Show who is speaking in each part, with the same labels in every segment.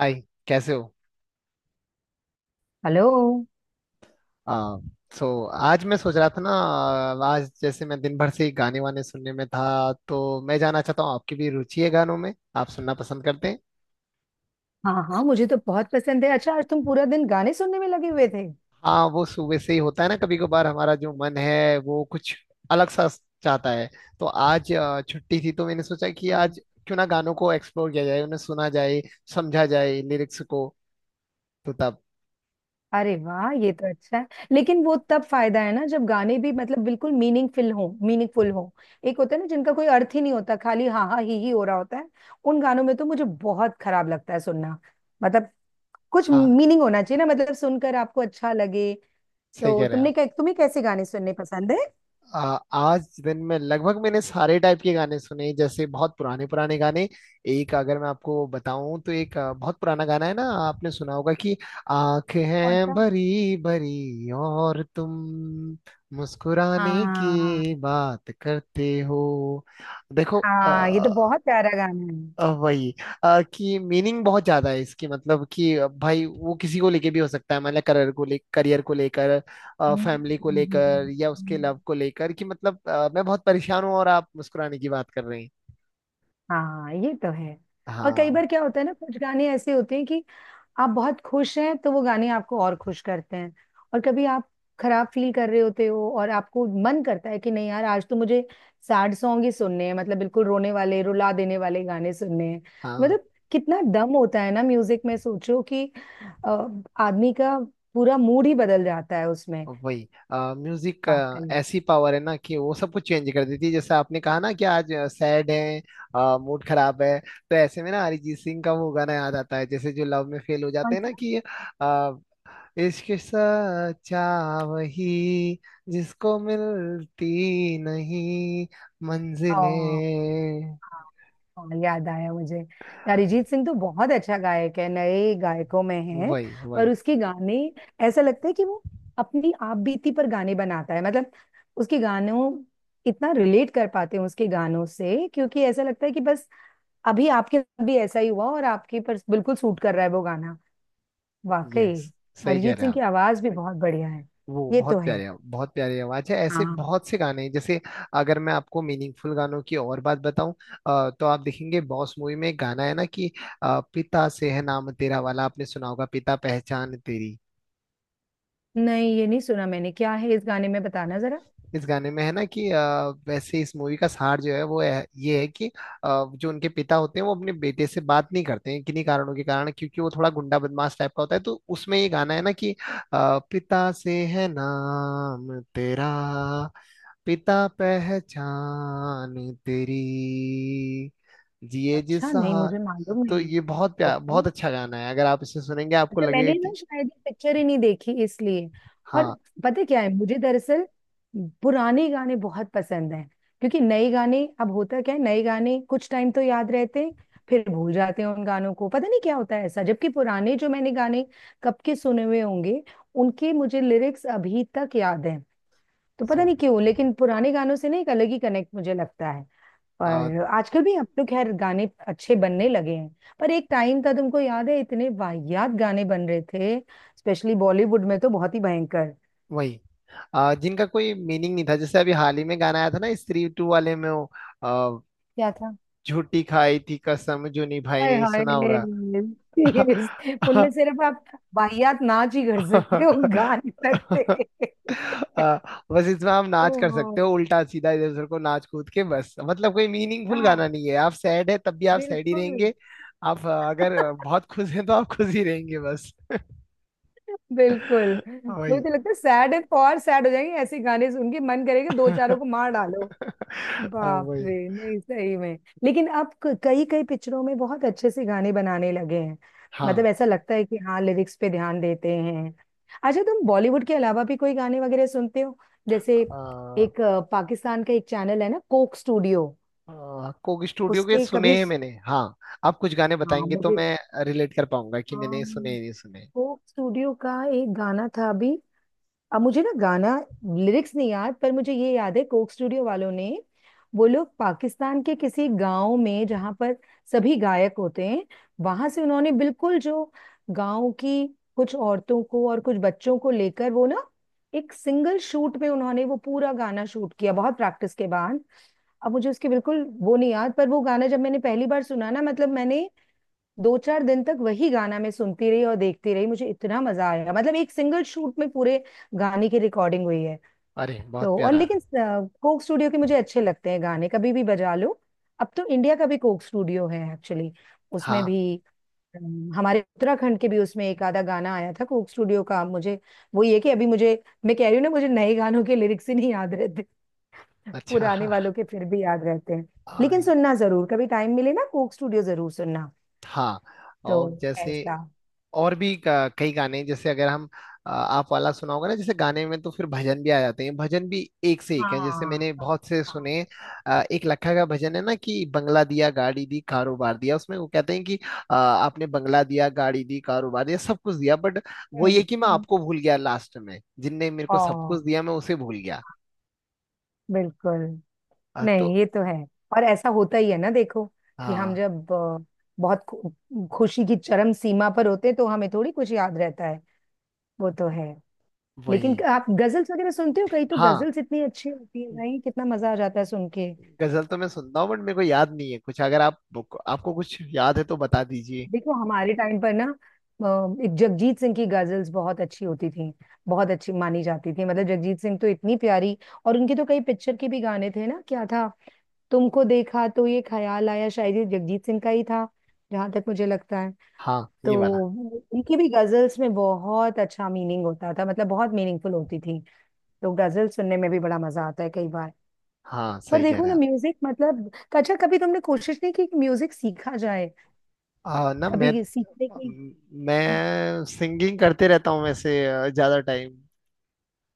Speaker 1: हाय। कैसे हो?
Speaker 2: हेलो।
Speaker 1: आ, सो आज मैं सोच रहा था ना, आज जैसे मैं दिन भर से ही गाने वाने सुनने में था, तो मैं जानना चाहता हूँ, आपकी भी रुचि है गानों में? आप सुनना पसंद करते हैं?
Speaker 2: हाँ हाँ, मुझे तो बहुत पसंद है। अच्छा, आज तुम पूरा दिन गाने सुनने में लगे हुए थे।
Speaker 1: हाँ, वो सुबह से ही होता है ना, कभी कभार हमारा जो मन है वो कुछ अलग सा चाहता है। तो आज छुट्टी थी, तो मैंने सोचा कि
Speaker 2: हाँ।
Speaker 1: आज क्यों ना गानों को एक्सप्लोर किया जाए, उन्हें सुना जाए, समझा जाए लिरिक्स को। तो तब...
Speaker 2: अरे वाह, ये तो अच्छा है। लेकिन वो तब फायदा है ना, जब गाने भी मतलब बिल्कुल मीनिंगफुल हो, मीनिंगफुल हो। एक होता है ना, जिनका कोई अर्थ ही नहीं होता, खाली हाँ हाँ ही हो रहा होता है। उन गानों में तो मुझे बहुत खराब लगता है सुनना। मतलब। कुछ
Speaker 1: हाँ,
Speaker 2: मीनिंग होना चाहिए ना, मतलब सुनकर आपको अच्छा लगे।
Speaker 1: सही
Speaker 2: तो
Speaker 1: कह रहे हैं आप।
Speaker 2: तुम्हें कैसे गाने सुनने पसंद है?
Speaker 1: आ, आज दिन में लगभग मैंने सारे टाइप के गाने सुने, जैसे बहुत पुराने पुराने गाने। एक, अगर मैं आपको बताऊं, तो एक बहुत पुराना गाना है ना, आपने सुना होगा कि
Speaker 2: कौन
Speaker 1: आंखें
Speaker 2: सा?
Speaker 1: भरी भरी और तुम मुस्कुराने
Speaker 2: हाँ
Speaker 1: की बात करते हो। देखो,
Speaker 2: हाँ, ये तो बहुत प्यारा गाना है।
Speaker 1: वही, कि मीनिंग बहुत ज्यादा है इसकी। मतलब कि भाई, वो किसी को लेके भी हो सकता है, मतलब करियर को लेकर,
Speaker 2: हम्म,
Speaker 1: फैमिली को
Speaker 2: हम्म,
Speaker 1: लेकर,
Speaker 2: हम्म,
Speaker 1: या उसके लव
Speaker 2: हम्म।
Speaker 1: को लेकर, कि मतलब मैं बहुत परेशान हूँ और आप मुस्कुराने की बात कर रहे हैं।
Speaker 2: हाँ, ये तो है। और कई
Speaker 1: हाँ,
Speaker 2: बार क्या होता है ना, कुछ गाने ऐसे होते हैं कि आप बहुत खुश हैं, तो वो गाने आपको और खुश करते हैं। और कभी आप खराब फील कर रहे होते हो, और आपको मन करता है कि नहीं यार, आज तो मुझे सैड सॉन्ग ही सुनने हैं, मतलब बिल्कुल रोने वाले रुला देने वाले गाने सुनने हैं।
Speaker 1: हाँ।
Speaker 2: मतलब। कितना दम होता है ना म्यूजिक में, सोचो कि आदमी का पूरा मूड ही बदल जाता है उसमें।
Speaker 1: वही म्यूजिक।
Speaker 2: वाकई।
Speaker 1: ऐसी पावर है ना कि वो सब कुछ चेंज कर देती है। जैसे आपने कहा ना कि आज सैड है, मूड खराब है, तो ऐसे में ना अरिजीत सिंह का वो गाना याद आता है, जैसे जो लव में फेल हो जाते
Speaker 2: कौन
Speaker 1: हैं ना कि इश्क सच्चा। वही, जिसको मिलती नहीं
Speaker 2: सा?
Speaker 1: मंजिलें।
Speaker 2: हाँ, याद आया मुझे। यार अरिजीत सिंह तो बहुत अच्छा गायक है, नए गायकों में है।
Speaker 1: वही
Speaker 2: पर
Speaker 1: वही।
Speaker 2: उसके गाने, ऐसा लगता है कि वो अपनी आप बीती पर गाने बनाता है, मतलब उसके गानों इतना रिलेट कर पाते हैं उसके गानों से, क्योंकि ऐसा लगता है कि बस अभी आपके साथ भी ऐसा ही हुआ, और आपके पर बिल्कुल सूट कर रहा है वो गाना। वाकई।
Speaker 1: यस, सही कह
Speaker 2: अरिजीत
Speaker 1: रहे हैं
Speaker 2: सिंह की
Speaker 1: आप।
Speaker 2: आवाज भी बहुत बढ़िया है।
Speaker 1: वो
Speaker 2: ये तो
Speaker 1: बहुत
Speaker 2: है।
Speaker 1: प्यारे, बहुत प्यारी आवाज है, ऐसे
Speaker 2: हाँ।
Speaker 1: बहुत से गाने हैं। जैसे अगर मैं आपको मीनिंगफुल गानों की और बात बताऊं, तो आप देखेंगे, बॉस मूवी में एक गाना है ना कि पिता से है नाम तेरा वाला, आपने सुना होगा, पिता पहचान तेरी।
Speaker 2: नहीं, ये नहीं सुना मैंने। क्या है इस गाने में, बताना जरा।
Speaker 1: इस गाने में है ना कि वैसे इस मूवी का सार जो है वो है, ये है कि जो उनके पिता होते हैं वो अपने बेटे से बात नहीं करते हैं, किन्हीं कारणों के कारण, क्योंकि वो थोड़ा गुंडा बदमाश टाइप का होता है। तो उसमें ये गाना है ना कि पिता से है नाम तेरा, पिता पहचान तेरी, जिए जिस
Speaker 2: अच्छा, नहीं मुझे
Speaker 1: सहा-
Speaker 2: मालूम
Speaker 1: तो
Speaker 2: नहीं।
Speaker 1: ये बहुत प्यार,
Speaker 2: ओके।
Speaker 1: बहुत अच्छा गाना है, अगर आप इसे सुनेंगे आपको
Speaker 2: अच्छा,
Speaker 1: लगेगा
Speaker 2: मैंने ना
Speaker 1: कि...
Speaker 2: शायद पिक्चर ही नहीं देखी, इसलिए। और,
Speaker 1: हाँ।
Speaker 2: पता है क्या है मुझे, दरअसल पुराने गाने बहुत पसंद हैं। क्योंकि नए गाने, अब होता क्या है, नए गाने कुछ टाइम तो याद रहते हैं, फिर भूल जाते हैं उन गानों को, पता नहीं क्या होता है ऐसा। जबकि पुराने जो मैंने गाने कब के सुने हुए होंगे, उनके मुझे लिरिक्स अभी तक याद हैं। तो
Speaker 1: सो
Speaker 2: पता नहीं क्यों, लेकिन पुराने गानों से ना एक अलग ही कनेक्ट मुझे लगता है।
Speaker 1: आ,
Speaker 2: पर आजकल भी, अब तो खैर गाने अच्छे बनने लगे हैं। पर एक टाइम था, तुमको याद है, इतने वाहियात गाने बन रहे थे। स्पेशली बॉलीवुड में तो बहुत ही भयंकर।
Speaker 1: वही, जिनका कोई मीनिंग नहीं था, जैसे अभी हाल ही में गाना आया था ना स्त्री टू वाले में वो आ,
Speaker 2: क्या था?
Speaker 1: झूठी खाई थी कसम जो निभाई,
Speaker 2: हाय
Speaker 1: नहीं
Speaker 2: हाय।
Speaker 1: सुना होगा?
Speaker 2: सीरियस? उनमें सिर्फ आप वाहियात नाच ही कर सकते हो, गा नहीं सकते।
Speaker 1: आ, बस इसमें आप नाच कर
Speaker 2: ओहो।
Speaker 1: सकते हो, उल्टा सीधा इधर उधर को नाच कूद के, बस। मतलब कोई मीनिंगफुल
Speaker 2: हाँ,
Speaker 1: गाना नहीं है। आप सैड है तब भी आप सैड ही
Speaker 2: बिल्कुल।
Speaker 1: रहेंगे। आप अगर बहुत खुश हैं तो आप खुश ही रहेंगे, बस।
Speaker 2: बिल्कुल। मुझे
Speaker 1: वही।
Speaker 2: तो लगता है सैड है और सैड हो जाएंगे, ऐसे गाने सुन के मन करेगा दो चारों को मार डालो। बाप
Speaker 1: वही।
Speaker 2: रे, नहीं सही में। लेकिन अब कई कई पिक्चरों में बहुत अच्छे से गाने बनाने लगे हैं। मतलब
Speaker 1: हाँ,
Speaker 2: ऐसा लगता है कि हाँ, लिरिक्स पे ध्यान देते हैं। अच्छा, तुम बॉलीवुड के अलावा भी कोई गाने वगैरह सुनते हो? जैसे एक पाकिस्तान का एक चैनल है ना, कोक स्टूडियो।
Speaker 1: कोक स्टूडियो के
Speaker 2: उसके
Speaker 1: सुने
Speaker 2: कभी
Speaker 1: हैं मैंने, हाँ। आप कुछ गाने
Speaker 2: हाँ
Speaker 1: बताएंगे तो
Speaker 2: मुझे,
Speaker 1: मैं रिलेट कर पाऊंगा कि
Speaker 2: हाँ,
Speaker 1: मैंने सुने या नहीं सुने।
Speaker 2: कोक स्टूडियो का एक गाना था अभी। अब मुझे ना गाना लिरिक्स नहीं याद, पर मुझे ये याद है कोक स्टूडियो वालों ने, वो लोग पाकिस्तान के किसी गांव में, जहां पर सभी गायक होते हैं, वहां से उन्होंने बिल्कुल जो गांव की कुछ औरतों को और कुछ बच्चों को लेकर, वो ना एक सिंगल शूट में उन्होंने वो पूरा गाना शूट किया बहुत प्रैक्टिस के बाद। अब मुझे उसके बिल्कुल वो नहीं याद, पर वो गाना जब मैंने पहली बार सुना ना, मतलब मैंने दो चार दिन तक वही गाना मैं सुनती रही और देखती रही, मुझे इतना मजा आया। मतलब एक सिंगल शूट में पूरे गाने की रिकॉर्डिंग हुई है।
Speaker 1: अरे बहुत
Speaker 2: तो और
Speaker 1: प्यारा।
Speaker 2: लेकिन कोक स्टूडियो के मुझे अच्छे लगते हैं गाने, कभी भी बजा लो। अब तो इंडिया का भी कोक स्टूडियो है एक्चुअली, उसमें
Speaker 1: हाँ।
Speaker 2: भी हमारे उत्तराखंड के भी उसमें एक आधा गाना आया था कोक स्टूडियो का मुझे। वो ये कि अभी मुझे, मैं कह रही हूँ ना, मुझे नए गानों के लिरिक्स ही नहीं याद रहते।
Speaker 1: अच्छा।
Speaker 2: पुराने
Speaker 1: हाँ।
Speaker 2: वालों के फिर भी याद रहते हैं। लेकिन
Speaker 1: हाँ,
Speaker 2: सुनना जरूर, कभी टाइम मिले ना, कोक स्टूडियो जरूर सुनना।
Speaker 1: हाँ,
Speaker 2: तो
Speaker 1: और जैसे
Speaker 2: ऐसा।
Speaker 1: और भी कई गाने हैं। जैसे अगर हम, आप वाला सुना होगा ना, जैसे गाने में तो फिर भजन भी आ जाते हैं, भजन भी एक से एक है, जैसे
Speaker 2: हाँ
Speaker 1: मैंने
Speaker 2: हाँ
Speaker 1: बहुत से
Speaker 2: हाँ।
Speaker 1: सुने हैं। एक लखा का भजन है ना कि बंगला दिया गाड़ी दी कारोबार दिया, उसमें वो कहते हैं कि आपने बंगला दिया गाड़ी दी कारोबार दिया, सब कुछ दिया, बट वो
Speaker 2: हम्म
Speaker 1: ये कि मैं
Speaker 2: हम्म।
Speaker 1: आपको भूल गया लास्ट में, जिनने मेरे
Speaker 2: ओ,
Speaker 1: को सब कुछ दिया मैं उसे भूल गया।
Speaker 2: बिल्कुल।
Speaker 1: तो...
Speaker 2: नहीं, ये तो है। और ऐसा होता ही है ना, देखो कि हम
Speaker 1: हाँ।
Speaker 2: जब बहुत खुशी की चरम सीमा पर होते हैं, तो हमें थोड़ी कुछ याद रहता है। वो तो है।
Speaker 1: वही।
Speaker 2: लेकिन आप गजल्स वगैरह सुनते हो कहीं? तो
Speaker 1: हाँ,
Speaker 2: गजल्स इतनी अच्छी होती है भाई, कितना मजा आ जाता है सुन के।
Speaker 1: गजल तो मैं सुनता हूँ, बट मेरे को याद नहीं है कुछ। अगर आप... आपको कुछ याद है तो बता दीजिए।
Speaker 2: देखो हमारे टाइम पर ना, एक जगजीत सिंह की गजल्स बहुत अच्छी होती थी, बहुत अच्छी मानी जाती थी, मतलब जगजीत सिंह तो इतनी प्यारी। और उनके तो कई पिक्चर के भी गाने थे ना, क्या था? तुमको देखा तो ये ख्याल आया, शायद ये जगजीत सिंह का ही था, जहां तक मुझे लगता है।
Speaker 1: हाँ,
Speaker 2: तो
Speaker 1: ये वाला।
Speaker 2: उनकी भी गजल्स में बहुत अच्छा मीनिंग होता था, मतलब बहुत मीनिंगफुल होती थी। तो गजल सुनने में भी बड़ा मजा आता है कई बार।
Speaker 1: हाँ,
Speaker 2: पर
Speaker 1: सही कह
Speaker 2: देखो
Speaker 1: रहे
Speaker 2: ना
Speaker 1: हैं आप।
Speaker 2: म्यूजिक मतलब, अच्छा कभी तुमने कोशिश नहीं की कि म्यूजिक सीखा जाए?
Speaker 1: आ, ना
Speaker 2: कभी सीखने की?
Speaker 1: मैं सिंगिंग करते रहता हूँ वैसे, ज्यादा टाइम।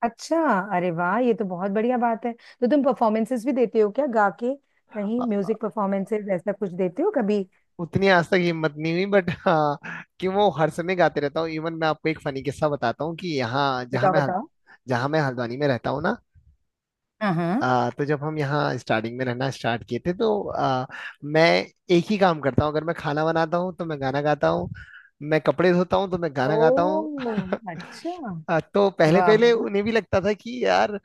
Speaker 2: अच्छा, अरे वाह, ये तो बहुत बढ़िया बात है। तो तुम परफॉर्मेंसेस भी देते हो क्या गा के? कहीं म्यूजिक परफॉर्मेंसेस ऐसा कुछ देते हो कभी?
Speaker 1: उतनी आज तक हिम्मत नहीं हुई, बट हाँ, कि वो हर समय गाते रहता हूँ। इवन मैं आपको एक फनी किस्सा बताता हूँ, कि यहाँ जहाँ
Speaker 2: बताओ
Speaker 1: मैं
Speaker 2: बताओ।
Speaker 1: जहाँ मैं हल्द्वानी में रहता हूँ ना,
Speaker 2: हाँ।
Speaker 1: तो जब हम यहाँ स्टार्टिंग में रहना स्टार्ट किए थे तो मैं एक ही काम करता हूँ, अगर मैं खाना बनाता हूँ तो मैं गाना गाता हूँ, मैं कपड़े धोता हूँ तो मैं गाना गाता हूँ।
Speaker 2: ओ अच्छा।
Speaker 1: तो पहले
Speaker 2: वाह वाह
Speaker 1: पहले
Speaker 2: वाह।
Speaker 1: उन्हें भी लगता था कि यार,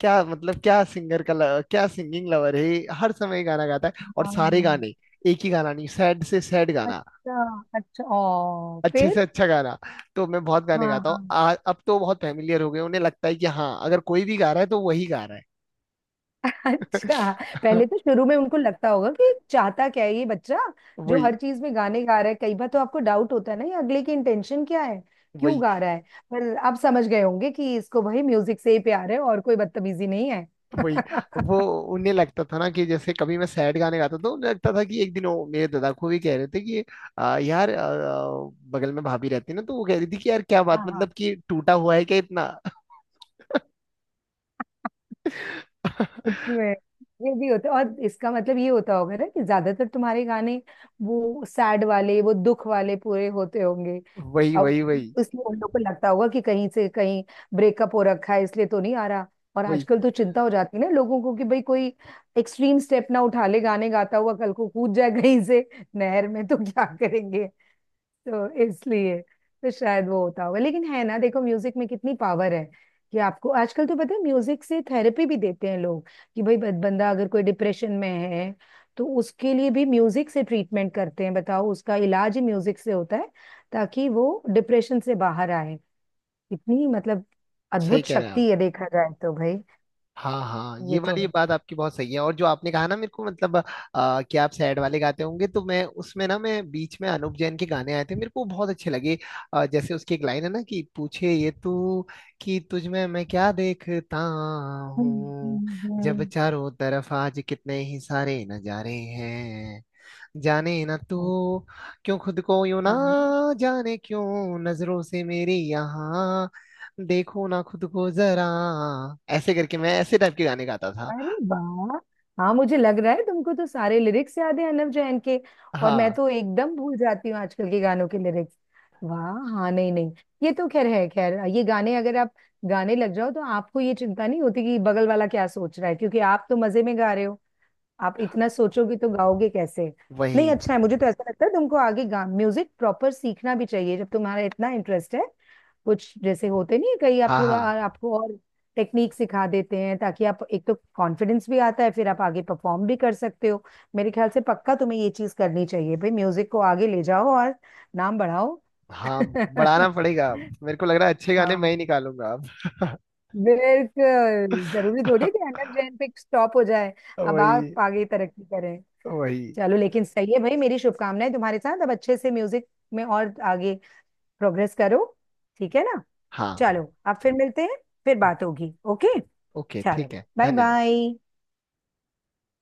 Speaker 1: क्या मतलब, क्या सिंगर का ल- क्या सिंगिंग लवर है ये, हर समय गाना गाता है। और
Speaker 2: हाँ,
Speaker 1: सारे गाने, एक ही गाना नहीं, सैड से सैड गाना,
Speaker 2: अच्छा अच्छा, ओ
Speaker 1: अच्छे से
Speaker 2: फिर।
Speaker 1: अच्छा गाना। तो मैं बहुत गाने
Speaker 2: हाँ
Speaker 1: गाता हूँ।
Speaker 2: हाँ।
Speaker 1: अब तो बहुत फैमिलियर हो गए, उन्हें लगता है कि हाँ, अगर कोई भी गा रहा है तो वही गा रहा है।
Speaker 2: अच्छा, पहले तो शुरू में उनको लगता होगा कि चाहता क्या है ये बच्चा, जो
Speaker 1: वही
Speaker 2: हर चीज में गाने गा रहा है। कई बार तो आपको डाउट होता है ना, ये अगले की इंटेंशन क्या है, क्यों
Speaker 1: वही
Speaker 2: गा रहा है। पर आप समझ गए होंगे कि इसको भाई म्यूजिक से ही प्यार है, और कोई बदतमीजी नहीं है।
Speaker 1: वही। वो उन्हें लगता था ना कि जैसे कभी मैं सैड गाने गाता था, उन्हें लगता था कि एक दिन वो मेरे दादा को भी कह रहे थे कि यार आ, आ, बगल में भाभी रहती ना, तो वो कह रही थी कि यार क्या बात,
Speaker 2: हाँ,
Speaker 1: मतलब कि टूटा हुआ है क्या इतना?
Speaker 2: सच में। ये भी होता है, और इसका मतलब ये होता होगा ना कि ज्यादातर तुम्हारे गाने वो सैड वाले वो दुख वाले पूरे होते होंगे, तो
Speaker 1: वही
Speaker 2: अब
Speaker 1: वही वही
Speaker 2: इसलिए उन लोगों को लगता होगा कि कहीं से कहीं ब्रेकअप हो रखा है, इसलिए तो नहीं आ रहा। और
Speaker 1: वही।
Speaker 2: आजकल तो चिंता हो जाती है ना लोगों को कि भाई कोई एक्सट्रीम स्टेप ना उठा ले, गाने गाता हुआ कल को कूद जाए कहीं से नहर में, तो क्या करेंगे। तो इसलिए, तो शायद वो होता होगा, लेकिन है ना देखो म्यूजिक में कितनी पावर है, कि आपको आजकल तो पता है म्यूजिक से थेरेपी भी देते हैं लोग, कि भाई बंदा अगर कोई डिप्रेशन में है, तो उसके लिए भी म्यूजिक से ट्रीटमेंट करते हैं, बताओ उसका इलाज ही म्यूजिक से होता है, ताकि वो डिप्रेशन से बाहर आए। इतनी मतलब
Speaker 1: सही
Speaker 2: अद्भुत
Speaker 1: कह रहे हैं आप।
Speaker 2: शक्ति है देखा जाए तो भाई।
Speaker 1: हाँ, हाँ, ये
Speaker 2: ये तो
Speaker 1: वाली
Speaker 2: है।
Speaker 1: बात आपकी बहुत सही है। और जो आपने कहा ना मेरे को, मतलब कि आप सैड वाले गाते होंगे, तो मैं उसमें ना, मैं बीच में अनूप जैन के गाने आए थे, मेरे को बहुत अच्छे लगे। जैसे उसकी एक लाइन है ना कि पूछे ये तू कि तुझ में मैं क्या देखता
Speaker 2: हम्म
Speaker 1: हूँ,
Speaker 2: हम्म
Speaker 1: जब
Speaker 2: हम्म,
Speaker 1: चारों तरफ आज कितने ही सारे नजारे हैं, जाने ना तू,
Speaker 2: हम्म।
Speaker 1: क्यों खुद को यूं, ना
Speaker 2: हाँ,
Speaker 1: जाने क्यों नजरों से मेरी यहाँ देखो ना खुद को जरा। ऐसे करके मैं ऐसे टाइप के गाने गाता था।
Speaker 2: अरे वाह। हाँ, मुझे लग रहा है तुमको तो सारे लिरिक्स याद है अनव जैन के। और मैं
Speaker 1: हाँ,
Speaker 2: तो एकदम भूल जाती हूँ आजकल के गानों के लिरिक्स। वाह, हाँ, नहीं नहीं, ये तो खैर है। खैर ये गाने अगर आप गाने लग जाओ, तो आपको ये चिंता नहीं होती कि बगल वाला क्या सोच रहा है, क्योंकि आप तो मजे में गा रहे हो। आप इतना सोचोगे तो गाओगे कैसे?
Speaker 1: वही।
Speaker 2: नहीं अच्छा है, मुझे तो ऐसा लगता है तुमको आगे गा म्यूजिक प्रॉपर सीखना भी चाहिए, जब तुम्हारा इतना इंटरेस्ट है। कुछ जैसे होते नहीं है, कहीं आप
Speaker 1: हाँ,
Speaker 2: थोड़ा
Speaker 1: हाँ,
Speaker 2: आपको और टेक्निक सिखा देते हैं, ताकि आप एक, तो कॉन्फिडेंस भी आता है, फिर आप आगे परफॉर्म भी कर सकते हो। मेरे ख्याल से पक्का तुम्हें ये चीज करनी चाहिए भाई, म्यूजिक को आगे ले जाओ और नाम बढ़ाओ।
Speaker 1: हाँ, बढ़ाना पड़ेगा। मेरे को लग रहा है अच्छे गाने मैं
Speaker 2: हाँ,
Speaker 1: ही निकालूंगा।
Speaker 2: बिल्कुल जरूरी थोड़ी
Speaker 1: अब...
Speaker 2: है कि अनब जैन पे स्टॉप हो जाए। अब
Speaker 1: वही
Speaker 2: आप आगे तरक्की करें।
Speaker 1: वही।
Speaker 2: चलो, लेकिन सही है भाई, मेरी शुभकामनाएं तुम्हारे साथ, अब अच्छे से म्यूजिक में और आगे प्रोग्रेस करो। ठीक है ना।
Speaker 1: हाँ।
Speaker 2: चलो, अब फिर मिलते हैं। फिर बात
Speaker 1: ओके।
Speaker 2: होगी, ओके।
Speaker 1: ओके, ठीक
Speaker 2: चलो,
Speaker 1: है,
Speaker 2: बाय
Speaker 1: धन्यवाद।
Speaker 2: बाय।